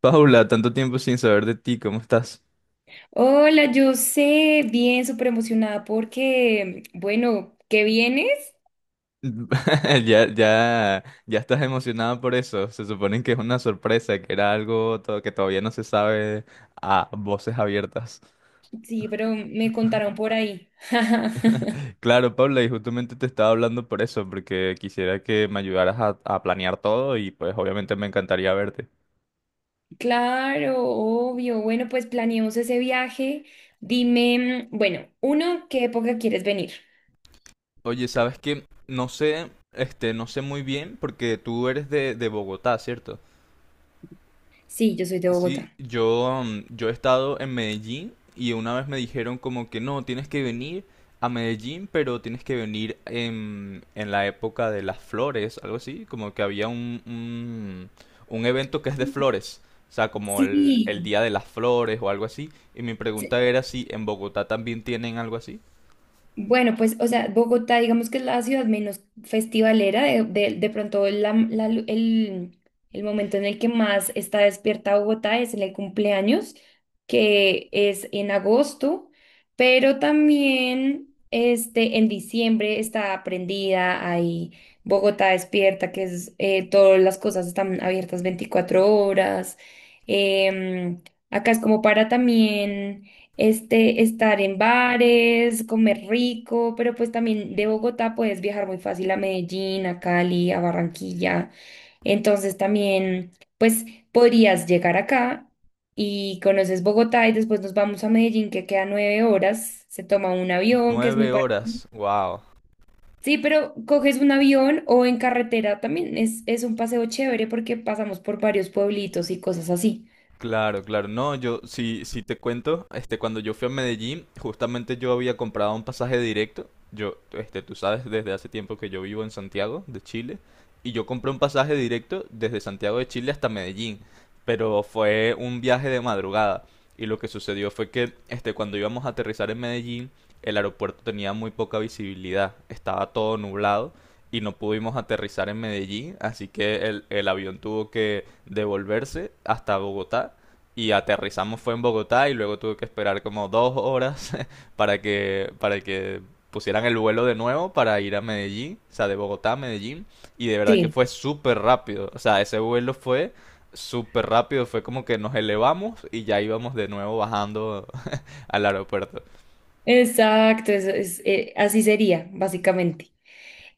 Paula, tanto tiempo sin saber de ti, ¿cómo estás? Hola, yo sé, bien, súper emocionada porque, bueno, ¿qué vienes? Ya estás emocionada por eso. Se supone que es una sorpresa, que era algo que todavía no se sabe a voces abiertas. Sí, pero me contaron por ahí. Claro, Paula, y justamente te estaba hablando por eso, porque quisiera que me ayudaras a planear todo y pues obviamente me encantaría verte. Claro, obvio. Bueno, pues planeemos ese viaje. Dime, bueno, uno, ¿qué época quieres venir? Oye, ¿sabes qué? No sé, este, no sé muy bien porque tú eres de Bogotá, ¿cierto? Sí, yo soy de Sí, Bogotá. yo, yo he estado en Medellín y una vez me dijeron como que no, tienes que venir a Medellín, pero tienes que venir en la época de las flores, algo así, como que había un evento que es de flores, o sea, como el Sí. Día de las Flores o algo así, y mi pregunta era si en Bogotá también tienen algo así. Bueno, pues, o sea, Bogotá, digamos que es la ciudad menos festivalera, de pronto el momento en el que más está despierta Bogotá es en el cumpleaños, que es en agosto, pero también este, en diciembre está prendida, hay Bogotá despierta, que es todas las cosas están abiertas 24 horas. em, Acá es como para también este, estar en bares, comer rico, pero pues también de Bogotá puedes viajar muy fácil a Medellín, a Cali, a Barranquilla. Entonces también, pues podrías llegar acá y conoces Bogotá y después nos vamos a Medellín, que queda 9 horas, se toma un avión, que es muy... Nueve bar- horas, wow. Sí, pero coges un avión o en carretera también es un paseo chévere porque pasamos por varios pueblitos y cosas así. Claro, claro. No, yo sí, sí te cuento, este, cuando yo fui a Medellín, justamente yo había comprado un pasaje directo. Yo, este, tú sabes, desde hace tiempo que yo vivo en Santiago de Chile y yo compré un pasaje directo desde Santiago de Chile hasta Medellín, pero fue un viaje de madrugada y lo que sucedió fue que, este, cuando íbamos a aterrizar en Medellín, el aeropuerto tenía muy poca visibilidad, estaba todo nublado y no pudimos aterrizar en Medellín, así que el avión tuvo que devolverse hasta Bogotá y aterrizamos fue en Bogotá y luego tuve que esperar como dos horas para que pusieran el vuelo de nuevo para ir a Medellín, o sea, de Bogotá a Medellín y de verdad que Sí, fue súper rápido, o sea, ese vuelo fue súper rápido, fue como que nos elevamos y ya íbamos de nuevo bajando al aeropuerto. exacto, eso es, así sería, básicamente.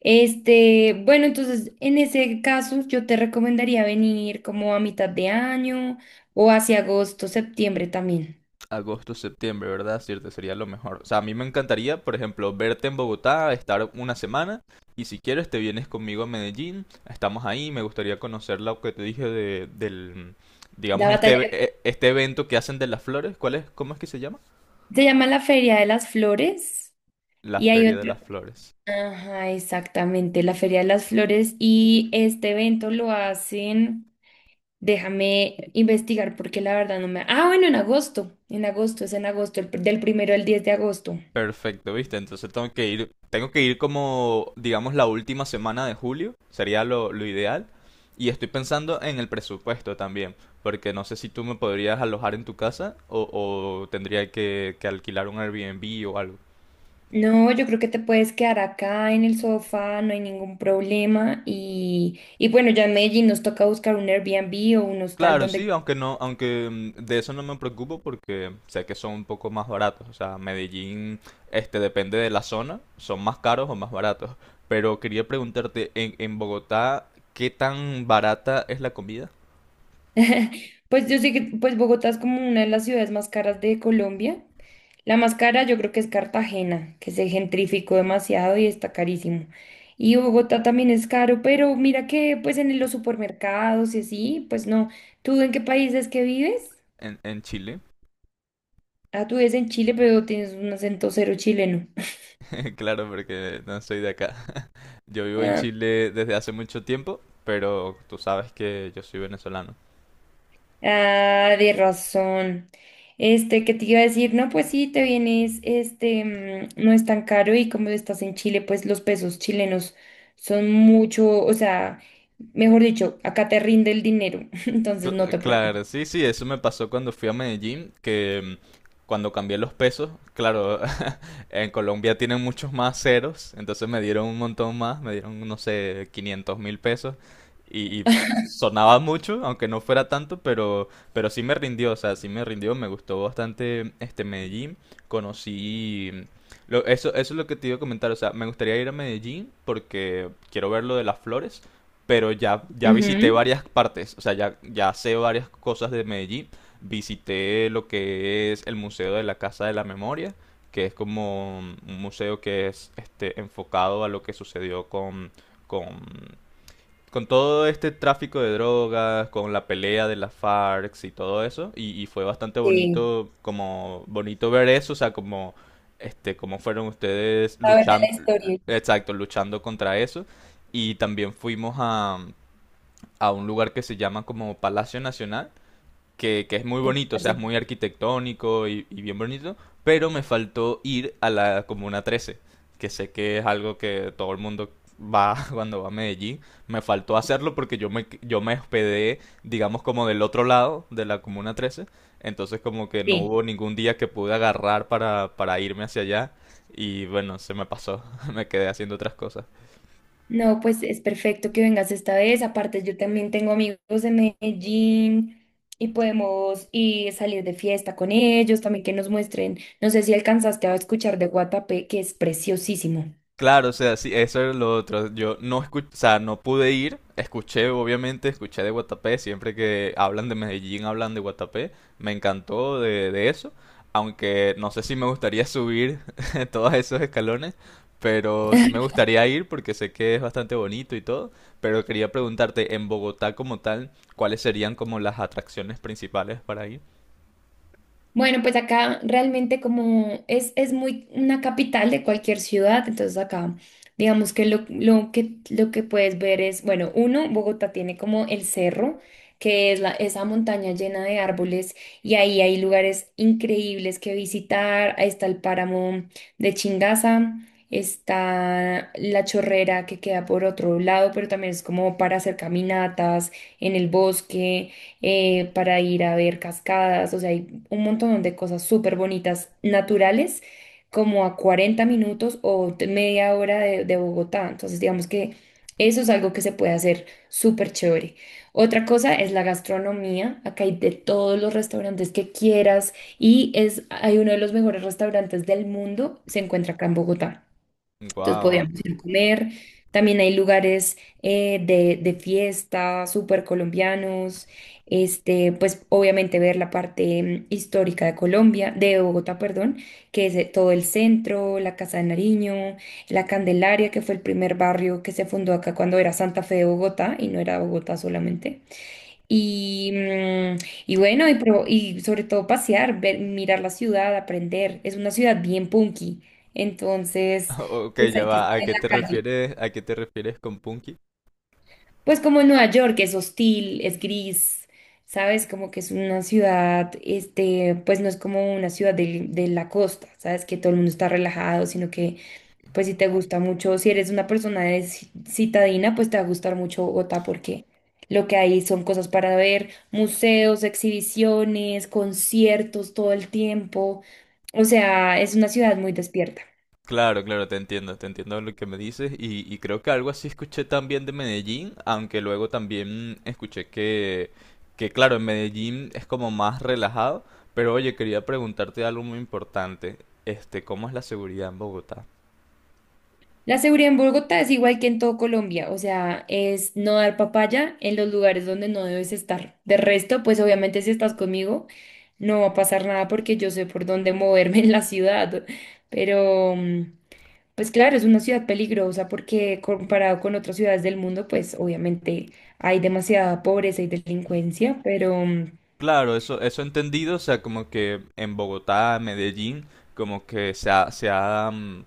Este, bueno, entonces en ese caso yo te recomendaría venir como a mitad de año o hacia agosto, septiembre también. Agosto, septiembre, ¿verdad? Cierto, sería lo mejor. O sea, a mí me encantaría, por ejemplo, verte en Bogotá, estar una semana y si quieres te vienes conmigo a Medellín, estamos ahí, me gustaría conocer lo que te dije de, del, digamos, La batalla este, este evento que hacen de las flores, ¿cuál es? ¿Cómo es que se llama? se llama la Feria de las Flores La y hay Feria de otra. las Flores. Ajá, exactamente, la Feria de las Flores y este evento lo hacen, déjame investigar porque la verdad no me... Ah, bueno, en agosto, es en agosto, el pr- del 1 al 10 de agosto. Perfecto, ¿viste? Entonces tengo que ir como, digamos, la última semana de julio, sería lo ideal. Y estoy pensando en el presupuesto también, porque no sé si tú me podrías alojar en tu casa o tendría que alquilar un Airbnb o algo. No, yo creo que te puedes quedar acá en el sofá, no hay ningún problema. Y bueno, ya en Medellín nos toca buscar un Airbnb o un hostal Claro, sí, donde... aunque no, aunque de eso no me preocupo porque sé que son un poco más baratos. O sea, Medellín, este, depende de la zona, son más caros o más baratos. Pero quería preguntarte, en Bogotá, ¿qué tan barata es la comida? Pues yo sé que pues Bogotá es como una de las ciudades más caras de Colombia. La más cara yo creo que es Cartagena, que se gentrificó demasiado y está carísimo. Y Bogotá también es caro, pero mira que pues en los supermercados y así, pues no. ¿Tú en qué país es que vives? En Chile. Ah, tú vives en Chile, pero tienes un acento cero chileno. Claro, porque no soy de acá. Yo vivo en Chile desde hace mucho tiempo, pero tú sabes que yo soy venezolano. Ah, de razón. Este, ¿qué te iba a decir? No, pues sí, te vienes, no es tan caro y como estás en Chile, pues los pesos chilenos son mucho, o sea, mejor dicho, acá te rinde el dinero, entonces no te Claro, preocupes. sí, sí, eso me pasó cuando fui a Medellín, que cuando cambié los pesos, claro. En Colombia tienen muchos más ceros, entonces me dieron un montón más, me dieron, no sé, 500 mil pesos y sonaba mucho, aunque no fuera tanto, pero sí me rindió, o sea, sí me rindió, me gustó bastante este Medellín, conocí... Lo, eso es lo que te iba a comentar, o sea, me gustaría ir a Medellín porque quiero ver lo de las flores, pero ya, ya visité Ujú. varias partes, o sea, ya, ya sé varias cosas de Medellín, visité lo que es el Museo de la Casa de la Memoria, que es como un museo que es este, enfocado a lo que sucedió con, con todo este tráfico de drogas, con la pelea de las FARC y todo eso. Y fue bastante Sí, bonito, como bonito ver eso, o sea, como este, cómo fueron ustedes saber de la luchando, historia. Sí, exacto, luchando contra eso. Y también fuimos a un lugar que se llama como Palacio Nacional, que es muy bonito, o sea, es muy arquitectónico y bien bonito, pero me faltó ir a la Comuna 13, que sé que es algo que todo el mundo va cuando va a Medellín. Me faltó hacerlo porque yo me hospedé, digamos, como del otro lado de la Comuna 13. Entonces como que no hubo ningún día que pude agarrar para irme hacia allá. Y bueno, se me pasó. Me quedé haciendo otras cosas. no, pues es perfecto que vengas esta vez. Aparte, yo también tengo amigos de Medellín y podemos ir salir de fiesta con ellos, también que nos muestren. No sé si alcanzaste a escuchar de Guatapé, que es preciosísimo. Claro, o sea, sí, eso era lo otro. Yo no escuché, o sea, no pude ir. Escuché, obviamente, escuché de Guatapé. Siempre que hablan de Medellín, hablan de Guatapé. Me encantó de eso. Aunque no sé si me gustaría subir todos esos escalones. Pero sí me gustaría ir porque sé que es bastante bonito y todo. Pero quería preguntarte, en Bogotá como tal, ¿cuáles serían como las atracciones principales para ir? Bueno, pues acá realmente como es muy una capital de cualquier ciudad, entonces acá digamos que lo que puedes ver es, bueno, uno, Bogotá tiene como el cerro, que es la, esa montaña llena de árboles y ahí hay lugares increíbles que visitar, ahí está el páramo de Chingaza, está la Chorrera que queda por otro lado, pero también es como para hacer caminatas en el bosque para ir a ver cascadas, o sea, hay un montón de cosas súper bonitas, naturales, como a 40 minutos o te- media hora de Bogotá. Entonces, digamos que eso es algo que se puede hacer súper chévere. Otra cosa es la gastronomía. Acá hay de todos los restaurantes que quieras y es, hay uno de los mejores restaurantes del mundo, se encuentra acá en Bogotá. Entonces Wow. podíamos ir a comer. También hay lugares de fiesta, súper colombianos. Este, pues obviamente ver la parte histórica de Colombia, de Bogotá, perdón, que es todo el centro, la Casa de Nariño, la Candelaria, que fue el primer barrio que se fundó acá cuando era Santa Fe de Bogotá y no era Bogotá solamente. Y, mm, y bueno, y, pro- y sobre todo pasear, ver, mirar la ciudad, aprender. Es una ciudad bien punky, entonces Ok, pues ya hay que va. estar ¿A en qué te la calle. refieres, a qué te refieres con Punky? Pues como en Nueva York, es hostil, es gris, ¿sabes? Como que es una ciudad, este, pues no es como una ciudad la costa, ¿sabes? Que todo el mundo está relajado, sino que pues si te gusta mucho, si eres una persona de ci- citadina, pues te va a gustar mucho Bogotá porque lo que hay son cosas para ver, museos, exhibiciones, conciertos todo el tiempo. O sea, es una ciudad muy despierta. Claro, claro, te entiendo lo que me dices y creo que algo así escuché también de Medellín, aunque luego también escuché que claro, en Medellín es como más relajado, pero oye, quería preguntarte algo muy importante, este, ¿cómo es la seguridad en Bogotá? La seguridad en Bogotá es igual que en todo Colombia, o sea, es no dar papaya en los lugares donde no debes estar. De resto, pues obviamente si estás conmigo, no va a pasar nada porque yo sé por dónde moverme en la ciudad, pero... pues claro, es una ciudad peligrosa porque comparado con otras ciudades del mundo, pues obviamente hay demasiada pobreza y delincuencia, pero Claro, eso he entendido, o sea, como que en Bogotá, Medellín, como que se ha, mm,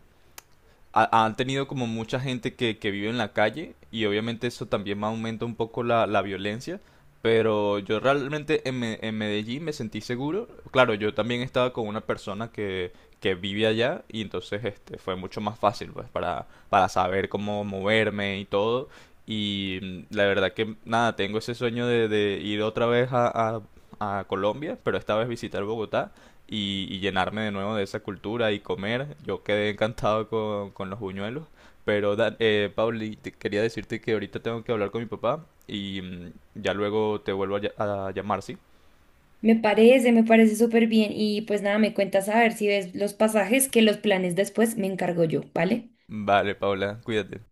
ha- han tenido como mucha gente que vive en la calle y obviamente eso también aumenta un poco la violencia, pero yo realmente en, en Medellín me sentí seguro. Claro, yo también estaba con una persona que vive allá y entonces este, fue mucho más fácil pues para saber cómo moverme y todo. Y la verdad que nada, tengo ese sueño de ir otra vez a Colombia, pero esta vez visitar Bogotá y llenarme de nuevo de esa cultura y comer. Yo quedé encantado con los buñuelos. Pero, Pauli, te quería decirte que ahorita tengo que hablar con mi papá y ya luego te vuelvo a llamar, ¿sí? Me parece súper bien y pues nada, me cuentas a ver si ves los pasajes que los planes después me encargo yo, ¿vale? Vale, Paula, cuídate.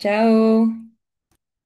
Chao.